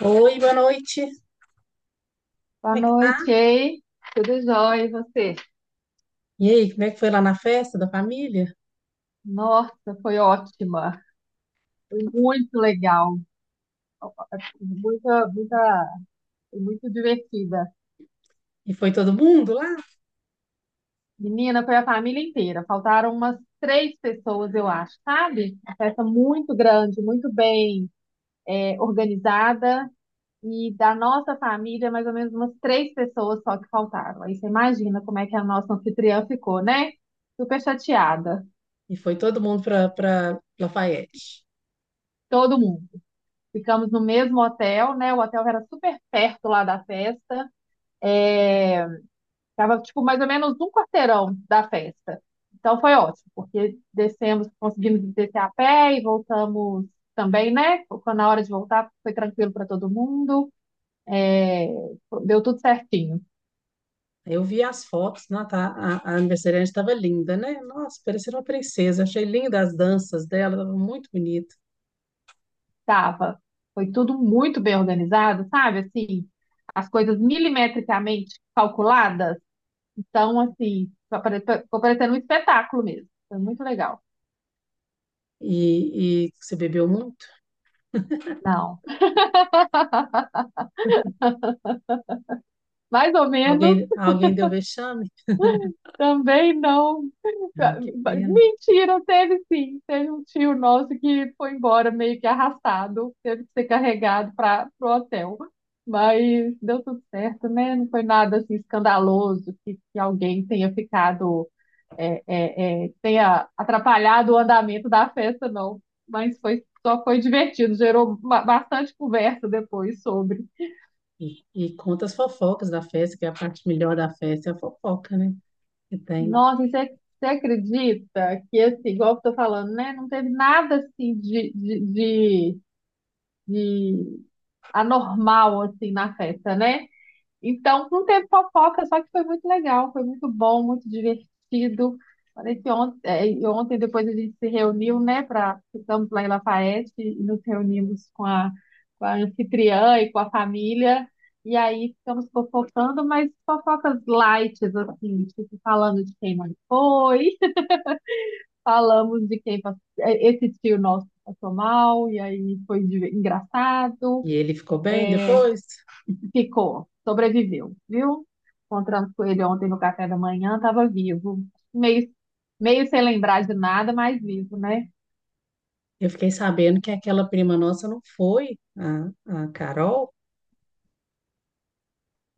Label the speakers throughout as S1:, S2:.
S1: Oi, boa noite.
S2: Boa
S1: Como é que tá?
S2: noite, hein? Tudo jóia, e você?
S1: E aí, como é que foi lá na festa da família?
S2: Nossa, foi ótima. Foi muito legal. Muita, muita, foi muito divertida.
S1: E foi todo mundo lá?
S2: Menina, foi a família inteira. Faltaram umas três pessoas, eu acho, sabe? Uma festa muito grande, muito bem, organizada. E da nossa família, mais ou menos umas três pessoas só que faltaram. Aí você imagina como é que a nossa anfitriã ficou, né? Super chateada.
S1: E foi todo mundo para Lafayette.
S2: Todo mundo. Ficamos no mesmo hotel, né? O hotel era super perto lá da festa. É, tava, tipo, mais ou menos um quarteirão da festa. Então foi ótimo, porque descemos, conseguimos descer a pé e voltamos também, né? Quando na hora de voltar foi tranquilo para todo mundo. É, deu tudo certinho.
S1: Eu vi as fotos, não, tá, a aniversariante estava linda, né? Nossa, parecia uma princesa. Achei linda as danças dela, estava muito bonito.
S2: Tava. Foi tudo muito bem organizado, sabe? Assim, as coisas milimetricamente calculadas. Então, assim, ficou ficou parecendo um espetáculo mesmo. Foi muito legal.
S1: E você bebeu muito?
S2: Não. Mais ou menos,
S1: Alguém deu vexame?
S2: também não.
S1: Ai, que pena.
S2: Mentira, teve sim. Teve um tio nosso que foi embora meio que arrastado, teve que ser carregado para o hotel. Mas deu tudo certo, né? Não foi nada assim escandaloso que alguém tenha ficado, tenha atrapalhado o andamento da festa, não. Mas foi, só foi divertido, gerou bastante conversa depois sobre.
S1: E conta as fofocas da festa, que é a parte melhor da festa, é a fofoca, né? Que tem.
S2: Nossa, e você acredita que, assim, igual eu tô falando, né? Não teve nada, assim, de, de anormal, assim, na festa, né? Então, não teve fofoca, só que foi muito legal, foi muito bom, muito divertido. Parece que ontem, e ontem depois a gente se reuniu, né, para ficamos lá em Lafayette e nos reunimos com a anfitriã e com a família. E aí ficamos fofocando, mas fofocas light, assim, tipo, falando de quem mais foi, falamos de quem passou, esse tio nosso passou mal, e aí foi engraçado.
S1: E ele ficou bem
S2: é,
S1: depois?
S2: Ficou, sobreviveu, viu? Encontramos com ele ontem no café da manhã, estava vivo. Meio, meio sem lembrar de nada, mas vivo, né?
S1: Eu fiquei sabendo que aquela prima nossa não foi, a Carol,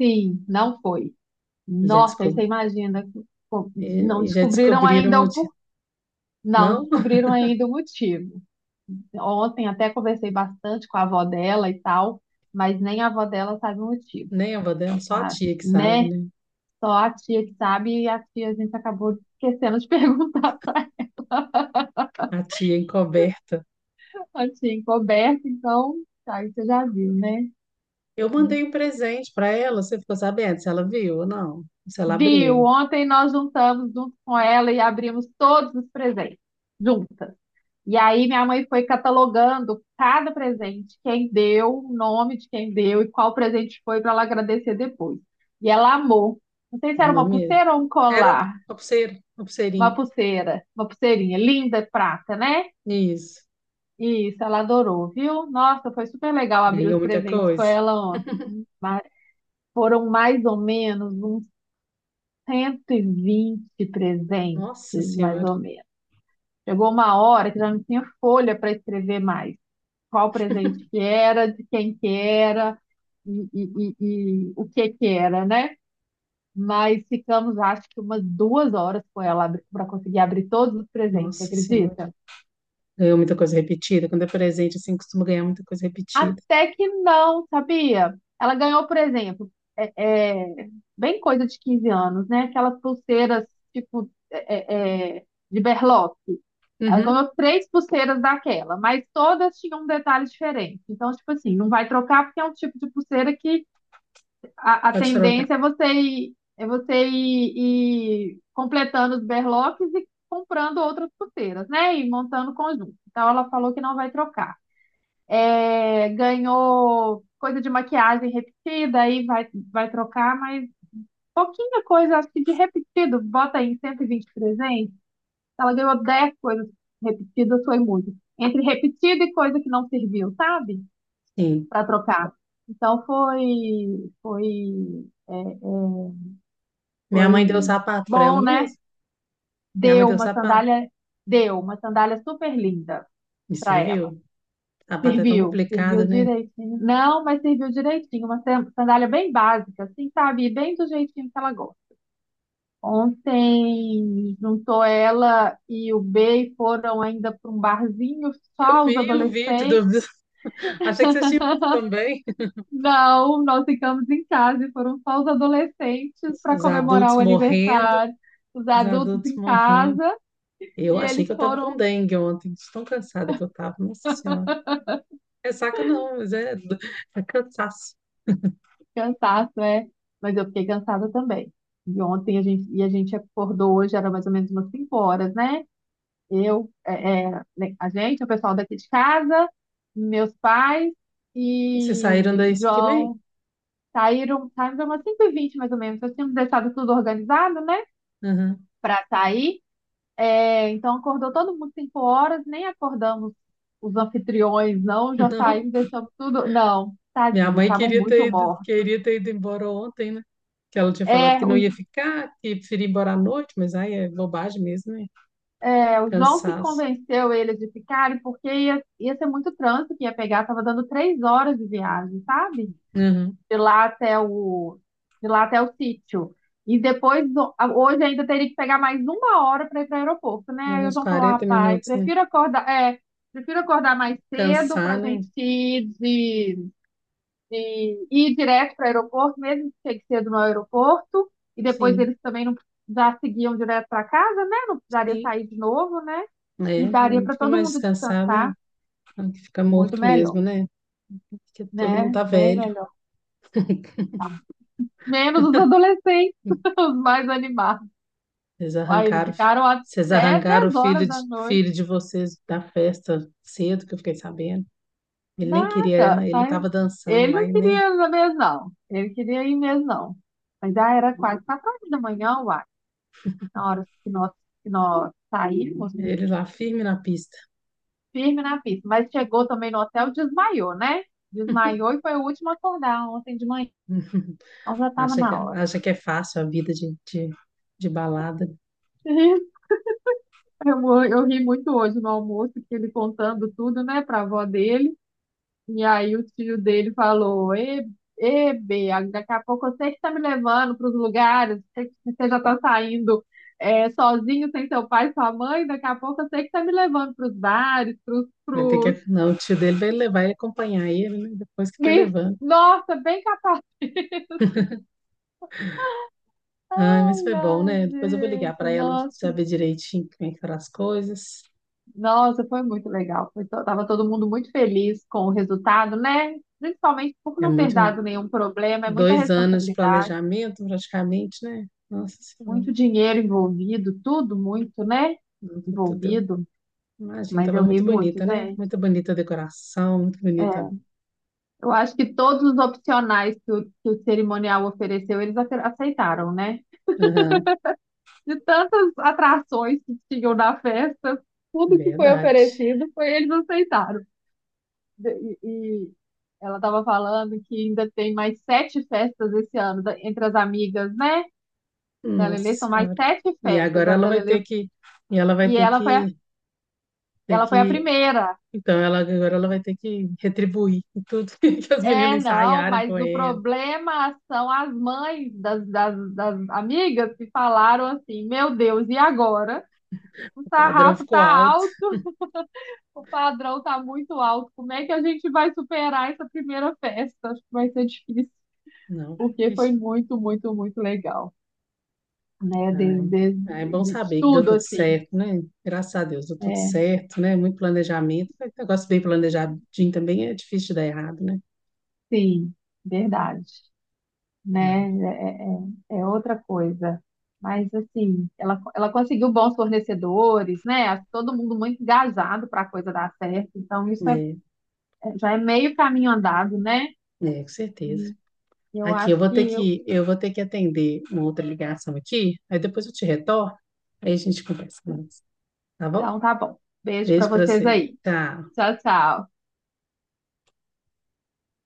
S2: Sim, não foi.
S1: e já,
S2: Nossa, aí você
S1: descob...
S2: imagina, co- não
S1: e já
S2: descobriram
S1: descobriram o
S2: ainda o
S1: motivo.
S2: por... não
S1: Não,
S2: descobriram ainda o motivo. Ontem até conversei bastante com a avó dela e tal, mas nem a avó dela sabe o motivo,
S1: nem a avó dela,
S2: só
S1: só a
S2: sabe,
S1: tia que sabe,
S2: né?
S1: né?
S2: Só a tia que sabe e a tia a gente acabou esquecendo de perguntar.
S1: A tia encoberta.
S2: Assim, coberto, então, tá, aí você já viu, né?
S1: Eu mandei um presente para ela, você ficou sabendo se ela viu ou não? Se ela
S2: Viu?
S1: abriu,
S2: Ontem nós juntamos junto com ela e abrimos todos os presentes, juntas. E aí minha mãe foi catalogando cada presente, quem deu, o nome de quem deu e qual presente foi para ela agradecer depois. E ela amou. Não sei se era
S1: amor
S2: uma
S1: mesmo.
S2: pulseira ou um
S1: Era uma
S2: colar.
S1: uma pulseira, uma
S2: Uma
S1: pulseirinha.
S2: pulseira, uma pulseirinha linda, prata, né?
S1: Isso.
S2: Isso, ela adorou, viu? Nossa, foi super legal abrir
S1: Ganhou
S2: os
S1: muita
S2: presentes com
S1: coisa.
S2: ela ontem. Foram mais ou menos uns 120 presentes,
S1: Nossa
S2: mais
S1: Senhora,
S2: ou menos. Chegou uma hora que já não tinha folha para escrever mais. Qual presente que era, de quem que era e o que que era, né? Mas ficamos, acho que umas 2 horas com ela para conseguir abrir todos os presentes, você
S1: nossa Senhora.
S2: acredita?
S1: Ganhou muita coisa repetida. Quando é presente, assim, costuma ganhar muita coisa repetida.
S2: Até que não, sabia? Ela ganhou, por exemplo, é, é, bem coisa de 15 anos, né? Aquelas pulseiras, tipo, de berloque. Ela
S1: Uhum,
S2: ganhou três pulseiras daquela, mas todas tinham um detalhe diferente. Então, tipo assim, não vai trocar porque é um tipo de pulseira que a
S1: pode trocar.
S2: tendência é você ir completando os berloques e comprando outras pulseiras, né? E montando o conjunto. Então, ela falou que não vai trocar ganhou coisa de maquiagem repetida, aí vai trocar, mas pouquinha coisa, acho que de repetido, bota aí 120 presentes, ela ganhou 10 coisas repetidas, foi muito. Entre repetido e coisa que não serviu, sabe?
S1: Sim.
S2: Para trocar. Então é, é,
S1: Minha
S2: foi
S1: mãe deu sapato para ela
S2: bom, né?
S1: mesmo. Minha mãe
S2: Deu
S1: deu
S2: uma
S1: sapato.
S2: sandália, deu uma sandália super linda
S1: Me
S2: para
S1: serviu.
S2: ela.
S1: Sapato é tão
S2: Serviu,
S1: complicado,
S2: serviu
S1: né?
S2: direitinho. Não, mas serviu direitinho. Uma sandália bem básica, assim, sabe? E bem do jeitinho que ela gosta. Ontem juntou ela e o B e foram ainda para um barzinho
S1: Eu
S2: só os
S1: vi o vídeo do.
S2: adolescentes.
S1: Achei que vocês tinham visto também.
S2: Não, nós ficamos em casa e foram só os adolescentes para
S1: Os
S2: comemorar
S1: adultos
S2: o
S1: morrendo,
S2: aniversário. Os
S1: os
S2: adultos
S1: adultos
S2: em
S1: morrendo.
S2: casa e
S1: Eu achei
S2: eles
S1: que eu tava com
S2: foram
S1: dengue ontem. De Tão cansada que eu tava, nossa senhora. É saca não, é cansaço.
S2: cansados. Mas eu fiquei cansada também. E a gente acordou hoje, era mais ou menos umas 5 horas, né? Eu, né, a gente, o pessoal daqui de casa, meus pais
S1: E vocês saíram
S2: e
S1: daí 5:30?
S2: João saíram umas 5:20 mais ou menos. Nós tínhamos deixado tudo organizado, né?
S1: Aham.
S2: Para sair. É, então acordou todo mundo 5 horas, nem acordamos os anfitriões, não, já
S1: Não.
S2: saímos, deixamos tudo. Não,
S1: Minha
S2: tadinhos,
S1: mãe
S2: estavam muito mortos.
S1: queria ter ido embora ontem, né? Que ela tinha falado que
S2: É, o,
S1: não ia ficar, que preferia ir embora à noite, mas aí é bobagem mesmo, né?
S2: o João que
S1: Cansaço.
S2: convenceu eles de ficarem, porque ia ser muito trânsito que ia pegar, estava dando 3 horas de viagem, sabe?
S1: Uhum.
S2: de lá até o, de lá até o sítio. E depois, hoje ainda teria que pegar mais uma hora para ir para o aeroporto, né?
S1: Já
S2: Aí o
S1: uns
S2: João falou,
S1: quarenta
S2: rapaz,
S1: minutos, né?
S2: prefiro acordar mais cedo para
S1: Cansar,
S2: a
S1: né?
S2: gente ir direto para o aeroporto, mesmo que chegue cedo no aeroporto. E depois
S1: Sim,
S2: eles também não já seguiam direto para casa, né? Não precisaria
S1: sim.
S2: sair de novo, né? E
S1: É,
S2: daria para
S1: fica
S2: todo
S1: mais
S2: mundo
S1: descansado, né?
S2: descansar
S1: Fica
S2: muito
S1: morto
S2: melhor,
S1: mesmo, né? Porque todo mundo
S2: né?
S1: tá
S2: Bem
S1: velho.
S2: melhor. tá Menos os adolescentes, os mais animados.
S1: Vocês
S2: Aí eles
S1: arrancaram,
S2: ficaram
S1: vocês
S2: até
S1: arrancaram o
S2: 10 horas da noite.
S1: filho de vocês da festa cedo, que eu fiquei sabendo. Ele nem
S2: Nada,
S1: queria, ele tava
S2: saiu.
S1: dançando
S2: Ele
S1: lá
S2: não
S1: e nem
S2: queria ir na mesa, não. Ele queria ir mesmo, não. Mas já era quase 4 horas da manhã, uai. Na hora que nós saímos,
S1: ele lá firme na pista.
S2: firme na pista. Mas chegou também no hotel, desmaiou, né? Desmaiou e foi o último a acordar ontem de manhã. Então já estava
S1: Acha que,
S2: na hora.
S1: acha que é fácil a vida de balada.
S2: Eu, eu ri muito hoje no almoço, que ele contando tudo, né, pra avó dele. E aí o tio dele falou, e Bea, daqui a pouco você que está me levando para os lugares, você já está saindo sozinho, sem seu pai, sua mãe, daqui a pouco você que está me levando para os bares, para os...
S1: Vai ter
S2: Pros...
S1: que, não, o tio dele vai levar e acompanhar ele, né? Depois que vai
S2: pros-
S1: levando.
S2: Nossa, bem capaz.
S1: Ah, mas
S2: Ai,
S1: foi bom,
S2: ai,
S1: né? Depois eu vou ligar
S2: gente,
S1: para ela
S2: nossa,
S1: saber direitinho como é que foram as coisas.
S2: nossa, foi muito legal. Foi tava todo mundo muito feliz com o resultado, né? Principalmente por
S1: É
S2: não ter
S1: muito,
S2: dado nenhum problema, é muita
S1: 2 anos de
S2: responsabilidade.
S1: planejamento praticamente, né? Nossa Senhora,
S2: Muito dinheiro envolvido, tudo muito, né?
S1: não foi tudo.
S2: Envolvido,
S1: Imagina,
S2: mas
S1: estava
S2: eu ri
S1: muito
S2: muito,
S1: bonita, né?
S2: gente.
S1: Muito bonita a decoração, muito bonita.
S2: É, eu acho que todos os opcionais que o, cerimonial ofereceu, eles aceitaram, né?
S1: Aham,
S2: De tantas atrações que tinham na festa, tudo que foi
S1: verdade.
S2: oferecido, foi eles aceitaram. E ela estava falando que ainda tem mais sete festas esse ano, entre as amigas, né? Da
S1: Nossa
S2: Lelê, são mais
S1: Senhora.
S2: sete
S1: E
S2: festas.
S1: agora
S2: A
S1: ela
S2: da
S1: vai ter
S2: Lelê,
S1: que, e ela vai
S2: e ela foi a,
S1: ter
S2: ela foi a
S1: que
S2: primeira.
S1: então, ela, agora ela vai ter que retribuir tudo que as
S2: É,
S1: meninas
S2: não,
S1: ensaiaram com
S2: mas o
S1: ela.
S2: problema são as mães das amigas que falaram assim: Meu Deus, e agora? O
S1: O padrão
S2: sarrafo tá
S1: ficou alto.
S2: alto, o padrão tá muito alto. Como é que a gente vai superar essa primeira festa? Acho que vai ser difícil,
S1: Não.
S2: porque
S1: Ixi.
S2: foi muito, muito, muito legal, né? De,
S1: Ai.
S2: de,
S1: Ah, é bom
S2: de, de
S1: saber que deu
S2: tudo,
S1: tudo
S2: assim.
S1: certo, né? Graças a Deus, deu tudo
S2: É,
S1: certo, né? Muito planejamento. Negócio bem planejadinho também é difícil de dar errado, né?
S2: sim, verdade, né?
S1: Ai,
S2: É outra coisa. Mas, assim, ela conseguiu bons fornecedores, né? Todo mundo muito engajado para a coisa dar certo. Então, isso
S1: né?
S2: já é meio caminho andado, né?
S1: É, com certeza.
S2: E eu
S1: Aqui,
S2: acho que.
S1: eu vou ter que atender uma outra ligação aqui, aí depois eu te retorno, aí a gente conversa mais, tá bom?
S2: Então, tá bom. Beijo para
S1: Beijo pra
S2: vocês
S1: você.
S2: aí.
S1: Tchau.
S2: Tchau, tchau.